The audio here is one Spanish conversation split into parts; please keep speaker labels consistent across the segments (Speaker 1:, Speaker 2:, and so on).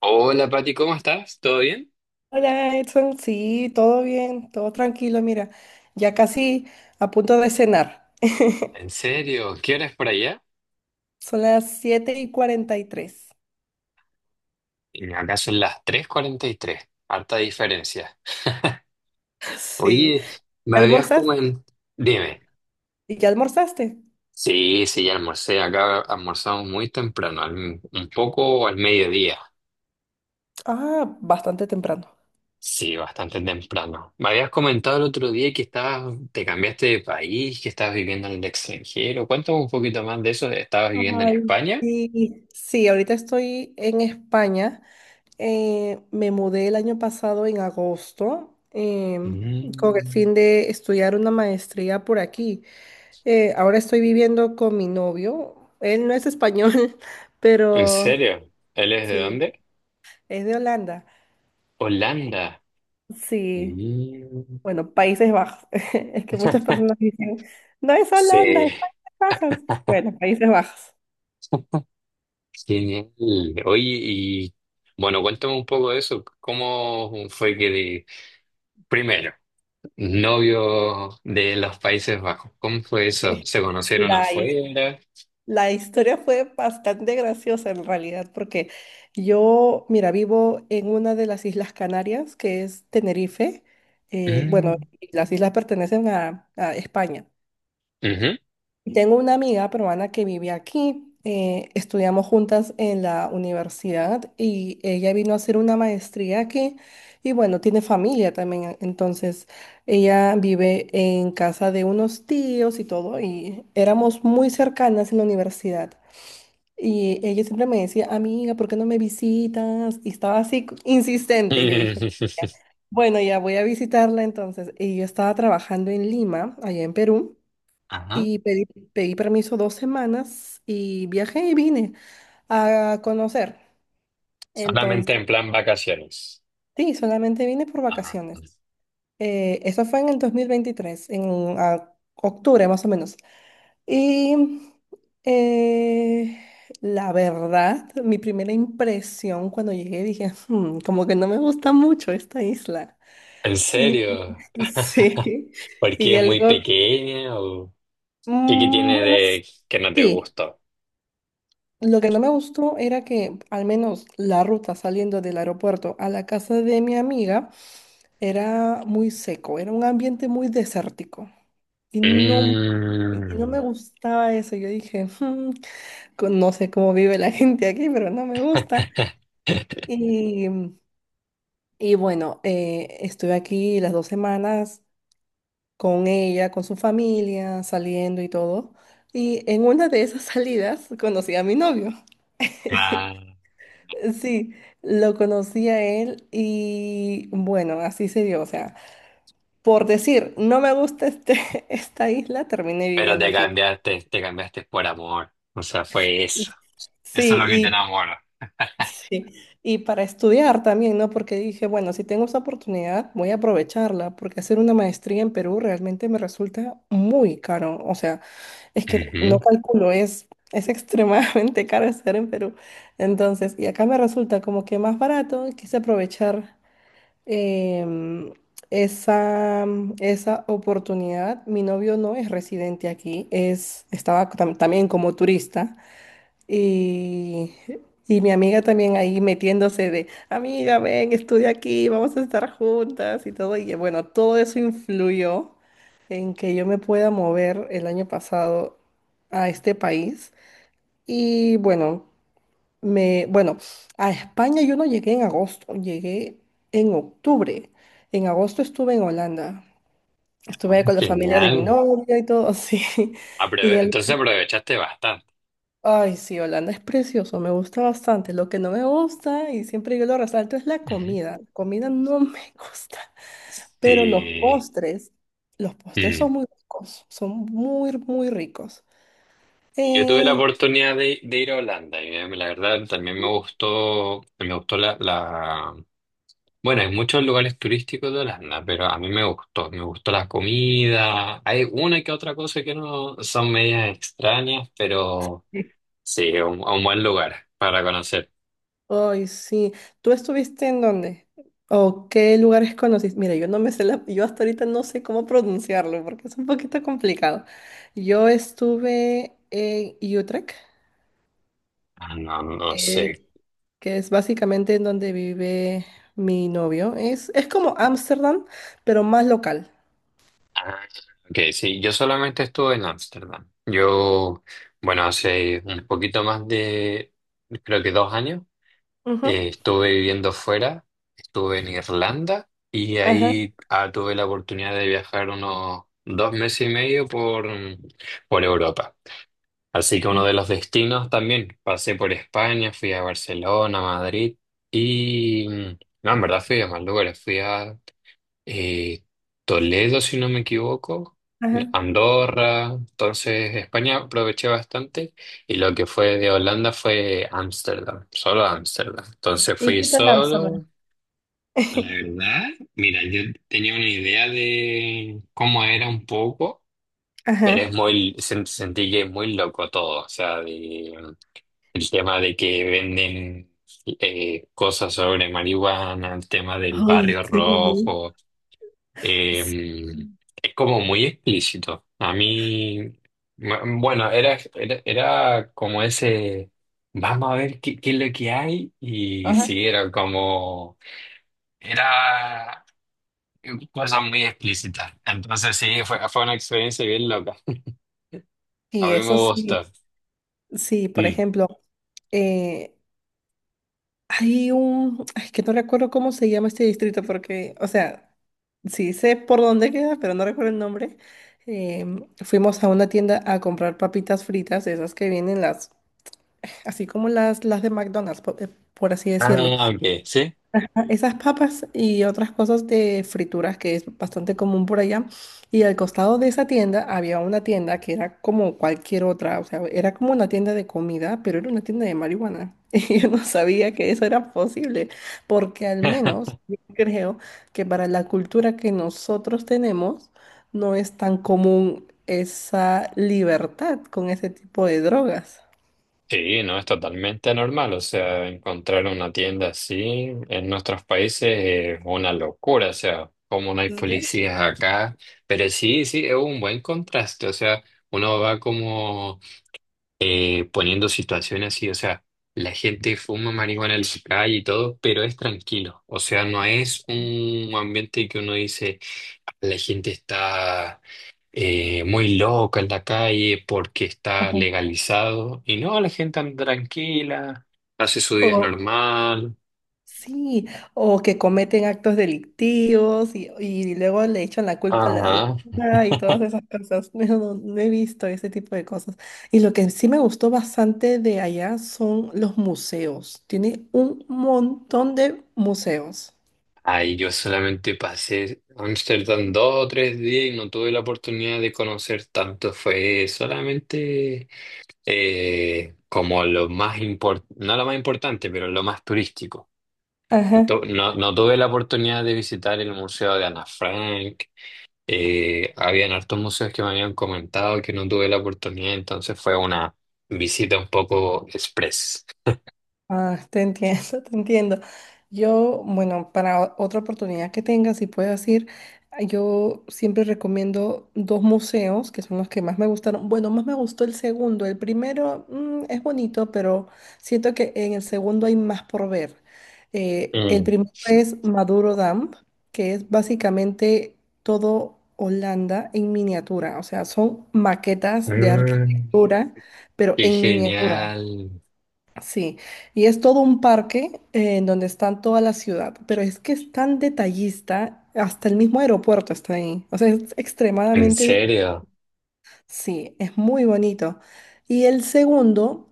Speaker 1: Hola Pati, ¿cómo estás? ¿Todo bien?
Speaker 2: Hola Edson, sí, todo bien, todo tranquilo, mira, ya casi a punto de cenar.
Speaker 1: ¿En serio? ¿Qué hora es por allá?
Speaker 2: Son las 7:43.
Speaker 1: Y acá son las tres cuarenta y tres. Harta diferencia.
Speaker 2: Sí.
Speaker 1: Oye, me
Speaker 2: ¿Ya
Speaker 1: habías como
Speaker 2: almorzaste?
Speaker 1: Dime.
Speaker 2: ¿Ya almorzaste?
Speaker 1: Sí, sí, ya almorcé. Acá almorzamos muy temprano, un poco al mediodía.
Speaker 2: Ah, bastante temprano.
Speaker 1: Sí, bastante temprano. Me habías comentado el otro día que estabas, te cambiaste de país, que estabas viviendo en el extranjero. Cuéntame un poquito más de eso. ¿Estabas viviendo en
Speaker 2: Ay,
Speaker 1: España?
Speaker 2: sí. Sí, ahorita estoy en España. Me mudé el año pasado en agosto con el
Speaker 1: Mm.
Speaker 2: fin de estudiar una maestría por aquí. Ahora estoy viviendo con mi novio. Él no es español,
Speaker 1: ¿En
Speaker 2: pero
Speaker 1: serio? ¿Él es de
Speaker 2: sí,
Speaker 1: dónde?
Speaker 2: es de Holanda.
Speaker 1: Holanda.
Speaker 2: Sí,
Speaker 1: Mm.
Speaker 2: bueno, Países Bajos. Es que muchas personas dicen, no es Holanda,
Speaker 1: Sí,
Speaker 2: es Países Bajos. Bueno, Países Bajos.
Speaker 1: genial. Oye, y bueno, cuéntame un poco de eso. ¿Cómo fue que? Primero, ¿novio de los Países Bajos? ¿Cómo fue eso? ¿Se conocieron
Speaker 2: La, his-
Speaker 1: afuera?
Speaker 2: la historia fue bastante graciosa en realidad, porque yo, mira, vivo en una de las Islas Canarias, que es Tenerife. Bueno,
Speaker 1: Mm,
Speaker 2: las islas pertenecen a España.
Speaker 1: ujú.
Speaker 2: Tengo una amiga peruana que vive aquí. Estudiamos juntas en la universidad y ella vino a hacer una maestría aquí y bueno, tiene familia también. Entonces, ella vive en casa de unos tíos y todo y éramos muy cercanas en la universidad. Y ella siempre me decía, amiga, ¿por qué no me visitas? Y estaba así insistente. Y yo dije, "Ya". Bueno, ya voy a visitarla entonces. Y yo estaba trabajando en Lima, allá en Perú.
Speaker 1: Ajá.
Speaker 2: Y pedí permiso 2 semanas y viajé y vine a conocer.
Speaker 1: Solamente
Speaker 2: Entonces,
Speaker 1: en plan vacaciones.
Speaker 2: sí, solamente vine por
Speaker 1: Ajá.
Speaker 2: vacaciones. Eso fue en el 2023 en octubre más o menos. Y eh, la verdad, mi primera impresión cuando llegué, dije, "Hmm, como que no me gusta mucho esta isla".
Speaker 1: ¿En
Speaker 2: Y
Speaker 1: serio?
Speaker 2: sí.
Speaker 1: ¿Por
Speaker 2: Y
Speaker 1: qué, es
Speaker 2: el
Speaker 1: muy
Speaker 2: luego,
Speaker 1: pequeña o qué
Speaker 2: "Mm,
Speaker 1: tiene
Speaker 2: bueno,
Speaker 1: de que no te
Speaker 2: sí".
Speaker 1: gustó?
Speaker 2: Lo que no me gustó era que al menos la ruta saliendo del aeropuerto a la casa de mi amiga era muy seco, era un ambiente muy desértico y no
Speaker 1: Mm.
Speaker 2: me gustaba eso. Yo dije, "Hmm, no sé cómo vive la gente aquí, pero no me gusta". Y, y bueno, estuve aquí las 2 semanas con ella, con su familia, saliendo y todo. Y en una de esas salidas conocí a mi novio.
Speaker 1: Claro.
Speaker 2: Sí, lo conocí a él y bueno, así se dio. O sea, por decir, no me gusta esta isla, terminé
Speaker 1: Pero
Speaker 2: viviendo aquí.
Speaker 1: te cambiaste por amor. O sea, fue eso. Eso es lo que te
Speaker 2: Sí,
Speaker 1: enamora.
Speaker 2: y, sí, y para estudiar también, ¿no? Porque dije, bueno, si tengo esa oportunidad, voy a aprovecharla, porque hacer una maestría en Perú realmente me resulta muy caro. O sea, es que no
Speaker 1: Ujú.
Speaker 2: calculo, es extremadamente caro hacer en Perú. Entonces, y acá me resulta como que más barato, y quise aprovechar em, esa, esa oportunidad. Mi novio no es residente aquí, estaba también como turista y, y mi amiga también ahí metiéndose de, amiga, ven, estudia aquí, vamos a estar juntas y todo. Y bueno, todo eso influyó en que yo me pueda mover el año pasado a este país. Y bueno. Bueno, a España yo no llegué en agosto, llegué en octubre. En agosto estuve en Holanda.
Speaker 1: Ah,
Speaker 2: Estuve ahí con la familia de mi
Speaker 1: genial.
Speaker 2: novia y todo así. Y el,
Speaker 1: Entonces aprovechaste bastante.
Speaker 2: Ay, sí, Holanda es precioso, me gusta bastante. Lo que no me gusta, y siempre yo lo resalto, es la
Speaker 1: Ujú.
Speaker 2: comida. La comida no me gusta, pero los
Speaker 1: Sí.
Speaker 2: postres, los postres
Speaker 1: Mm.
Speaker 2: son muy ricos, son muy, muy ricos.
Speaker 1: Yo tuve la
Speaker 2: Eh,
Speaker 1: oportunidad de ir a Holanda y la verdad también me gustó la... Bueno, hay muchos lugares turísticos de Holanda, pero a mí me gustó la comida. Hay una que otra cosa que no son medias extrañas, pero sí, a un buen lugar para conocer.
Speaker 2: Ay, sí. ¿Tú estuviste en dónde? ¿O qué lugares conociste? Mira, yo hasta ahorita no sé cómo pronunciarlo porque es un poquito complicado. Yo estuve en Utrecht,
Speaker 1: Ah, no, no sé.
Speaker 2: que, que es básicamente en donde vive mi novio. Es como Ámsterdam, pero más local.
Speaker 1: Ah, ok, sí, yo solamente estuve en Ámsterdam. Yo, bueno, hace un poquito más de, creo que dos años,
Speaker 2: Ujú.
Speaker 1: estuve viviendo fuera, estuve en Irlanda y
Speaker 2: Ajá.
Speaker 1: ahí tuve la oportunidad de viajar unos dos meses y medio por Europa. Así que uno de los destinos también, pasé por España, fui a Barcelona, Madrid y... No, en verdad fui a más lugares, fui a eh, Toledo, si no me equivoco,
Speaker 2: Ajá.
Speaker 1: Andorra, entonces España aproveché bastante y lo que fue de Holanda fue Ámsterdam, solo Ámsterdam. Entonces
Speaker 2: ¿Y
Speaker 1: fui
Speaker 2: qué tal Ámsterdam?
Speaker 1: solo. La verdad, mira, yo tenía una idea de cómo era un poco, pero es
Speaker 2: Ajá.
Speaker 1: muy, sentí que es muy loco todo, o sea, de... El tema de que venden cosas sobre marihuana, el tema del
Speaker 2: Ay,
Speaker 1: barrio
Speaker 2: sí.
Speaker 1: rojo,
Speaker 2: Sí.
Speaker 1: eh, es como muy explícito. Bueno, era como ese, vamos a ver qué es lo que hay, y
Speaker 2: Ajá.
Speaker 1: sí, era como, era cosas muy explícitas. Entonces sí, fue una experiencia bien loca. A
Speaker 2: Y
Speaker 1: mí me
Speaker 2: eso
Speaker 1: gustó.
Speaker 2: sí, sí, por
Speaker 1: Mm.
Speaker 2: ejemplo. eh, es que no recuerdo cómo se llama este distrito porque, o sea, sí sé por dónde queda, pero no recuerdo el nombre. Fuimos a una tienda a comprar papitas fritas, esas que vienen así como las de McDonald's, por, así decirlo.
Speaker 1: Ah, ok, sí.
Speaker 2: Esas papas y otras cosas de frituras que es bastante común por allá. Y al costado de esa tienda había una tienda que era como cualquier otra, o sea, era como una tienda de comida, pero era una tienda de marihuana. Y yo no sabía que eso era posible, porque al menos yo creo que para la cultura que nosotros tenemos no es tan común esa libertad con ese tipo de drogas.
Speaker 1: Sí, no, es totalmente normal. O sea, encontrar una tienda así en nuestros países es una locura. O sea, como no hay
Speaker 2: Sí.
Speaker 1: policías acá. Pero sí, sí, es un buen contraste. O sea, uno va como poniendo situaciones así. O sea, la gente fuma marihuana en la calle y todo, pero es tranquilo. O sea, no es un ambiente que uno dice, la gente está muy loca en la calle porque está
Speaker 2: Ajá.
Speaker 1: legalizado. Y no, la gente anda tranquila, hace su día
Speaker 2: O,
Speaker 1: normal.
Speaker 2: Sí, o que cometen actos delictivos y luego le echan la culpa a la
Speaker 1: Ajá.
Speaker 2: droga y todas esas cosas. No, no, no he visto ese tipo de cosas. Y lo que sí me gustó bastante de allá son los museos. Tiene un montón de museos.
Speaker 1: Ahí yo solamente pasé Amsterdam dos o tres días y no tuve la oportunidad de conocer tanto. Fue solamente como lo más importante, no lo más importante, pero lo más turístico.
Speaker 2: Ajá.
Speaker 1: No, no tuve la oportunidad de visitar el Museo de Ana Frank. Habían hartos museos que me habían comentado que no tuve la oportunidad, entonces fue una visita un poco express.
Speaker 2: Ah, te entiendo, te entiendo. Yo, bueno, para otra oportunidad que tengas, si puedes ir, ah, yo siempre recomiendo dos museos que son los que más me gustaron. Bueno, más me gustó el segundo. El primero, es bonito, pero siento que en el segundo hay más por ver. El
Speaker 1: Mm.
Speaker 2: primero es Maduro Dam, que es básicamente todo Holanda en miniatura. O sea, son maquetas de
Speaker 1: Mm,
Speaker 2: arquitectura, pero
Speaker 1: qué
Speaker 2: en miniatura.
Speaker 1: genial.
Speaker 2: Sí, y es todo un parque en donde están toda la ciudad, pero es que es tan detallista, hasta el mismo aeropuerto está ahí. O sea, es
Speaker 1: ¿En
Speaker 2: extremadamente,
Speaker 1: serio?
Speaker 2: sí, es muy bonito. Y el segundo,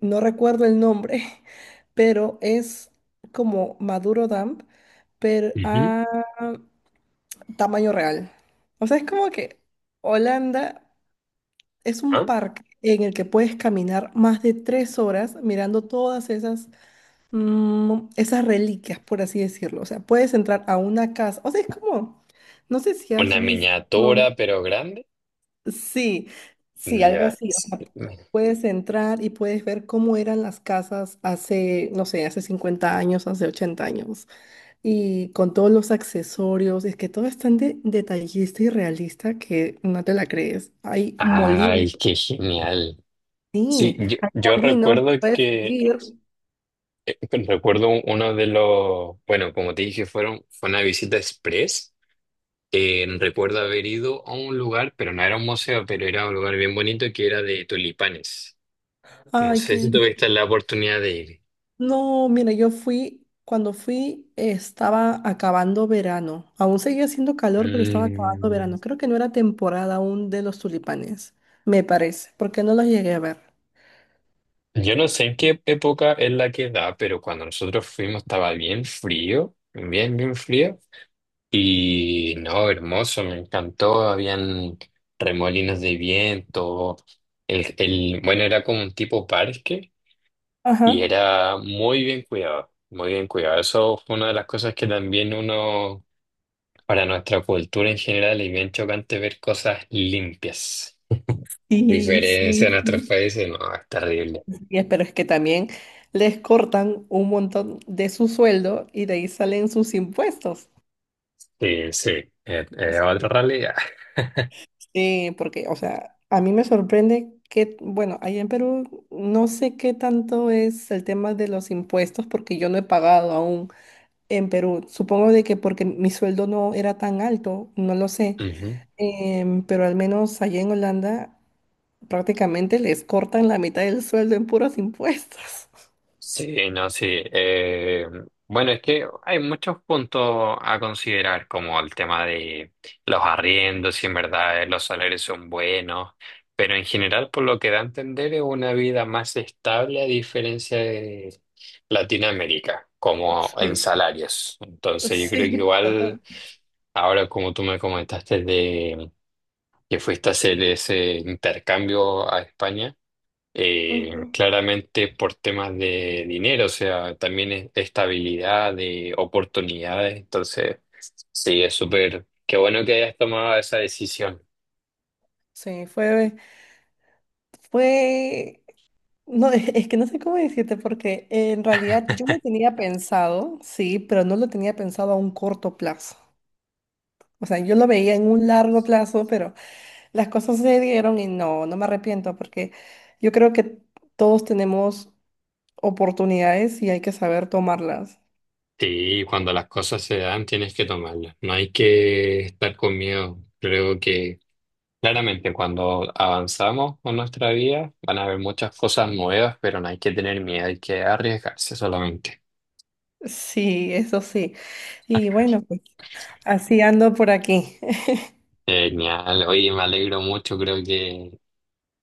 Speaker 2: no recuerdo el nombre, pero es como Maduro Dump, pero
Speaker 1: Ujú.
Speaker 2: a tamaño real. O sea, es como que Holanda es un
Speaker 1: ¿Ah?
Speaker 2: parque en el que puedes caminar más de 3 horas mirando todas esas reliquias, por así decirlo. O sea, puedes entrar a una casa. O sea, es como, no sé si has
Speaker 1: ¿Una
Speaker 2: visto,
Speaker 1: miniatura pero grande?
Speaker 2: sí, sí, algo
Speaker 1: Ya.
Speaker 2: así. O
Speaker 1: Sí.
Speaker 2: sea, puedes entrar y puedes ver cómo eran las casas hace, no sé, hace 50 años, hace 80 años. Y con todos los accesorios, es que todo es tan detallista y realista que no te la crees. Hay molinos,
Speaker 1: Ay, qué genial. Sí,
Speaker 2: sí, hay
Speaker 1: yo
Speaker 2: molinos,
Speaker 1: recuerdo
Speaker 2: puedes subir.
Speaker 1: recuerdo uno de los, bueno, como te dije, fueron, fue una visita express. Recuerdo haber ido a un lugar, pero no era un museo, pero era un lugar bien bonito que era de tulipanes. No
Speaker 2: Ay, qué
Speaker 1: sé si
Speaker 2: lindo.
Speaker 1: tuviste la oportunidad de ir.
Speaker 2: No, mira, cuando fui estaba acabando verano. Aún seguía haciendo calor, pero estaba acabando
Speaker 1: Mm,
Speaker 2: verano. Creo que no era temporada aún de los tulipanes, me parece, porque no los llegué a ver.
Speaker 1: yo no sé en qué época es la que da, pero cuando nosotros fuimos estaba bien frío, bien, bien frío. Y no, hermoso, me encantó. Habían remolinos de viento. Bueno, era como un tipo parque. Y
Speaker 2: Ajá.
Speaker 1: era muy bien cuidado, muy bien cuidado. Eso fue una de las cosas que también uno, para nuestra cultura en general, es bien chocante ver cosas limpias.
Speaker 2: Y sí,
Speaker 1: Diferencia en otros
Speaker 2: sí.
Speaker 1: países, no, es terrible.
Speaker 2: Pero es que también les cortan un montón de su sueldo y de ahí salen sus impuestos.
Speaker 1: Sí, sí, es otra realidad.
Speaker 2: Sí, porque, o sea, a mí me sorprende que, bueno, allá en Perú no sé qué tanto es el tema de los impuestos porque yo no he pagado aún en Perú. Supongo de que porque mi sueldo no era tan alto, no lo sé. Pero al menos allá en Holanda prácticamente les cortan la mitad del sueldo en puros impuestos.
Speaker 1: Sí, no, sí. Eh, bueno, es que hay muchos puntos a considerar, como el tema de los arriendos, si en verdad los salarios son buenos, pero en general, por lo que da a entender, es una vida más estable a diferencia de Latinoamérica, como en
Speaker 2: Sí.
Speaker 1: salarios. Entonces, yo creo que
Speaker 2: Sí,
Speaker 1: igual,
Speaker 2: total.
Speaker 1: ahora como tú me comentaste de que fuiste a hacer ese intercambio a España
Speaker 2: Ujú.
Speaker 1: claramente por temas de dinero, o sea, también estabilidad, de oportunidades. Entonces, sí, es súper, qué bueno que hayas tomado esa decisión.
Speaker 2: Sí, fue, fue No, es que no sé cómo decirte, porque en realidad yo lo tenía pensado, sí, pero no lo tenía pensado a un corto plazo. O sea, yo lo veía en un largo plazo, pero las cosas se dieron y no, no me arrepiento, porque yo creo que todos tenemos oportunidades y hay que saber tomarlas.
Speaker 1: Sí, cuando las cosas se dan, tienes que tomarlas. No hay que estar con miedo. Creo que claramente cuando avanzamos con nuestra vida, van a haber muchas cosas nuevas, pero no hay que tener miedo, hay que arriesgarse solamente.
Speaker 2: Sí, eso sí. Y bueno, pues así ando por aquí.
Speaker 1: Genial, oye, me alegro mucho, creo que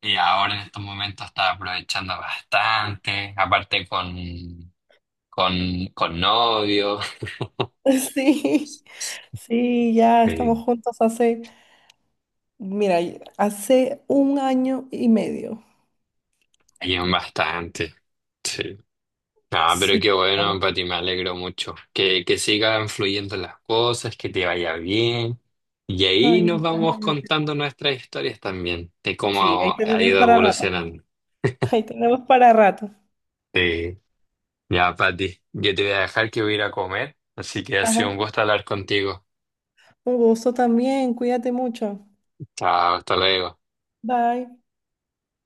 Speaker 1: y ahora en estos momentos está aprovechando bastante, aparte con novio.
Speaker 2: Sí, sí, ya
Speaker 1: Sí.
Speaker 2: estamos juntos mira, hace un año y medio.
Speaker 1: Ayudan bastante. Sí. Ah, pero
Speaker 2: Sí.
Speaker 1: qué bueno, Pati, me alegro mucho. Que sigan fluyendo las cosas, que te vaya bien. Y ahí
Speaker 2: Ay,
Speaker 1: nos
Speaker 2: muchas
Speaker 1: vamos
Speaker 2: gracias.
Speaker 1: contando nuestras historias también, de
Speaker 2: Sí, ahí
Speaker 1: cómo ha
Speaker 2: tenemos
Speaker 1: ido
Speaker 2: para rato.
Speaker 1: evolucionando.
Speaker 2: Ahí tenemos para rato.
Speaker 1: Sí. Ya, Pati, yo te voy a dejar que voy a ir a comer, así que ha sido un
Speaker 2: Ajá.
Speaker 1: gusto hablar contigo.
Speaker 2: Un gusto también. Cuídate mucho.
Speaker 1: Chao, hasta luego.
Speaker 2: Bye.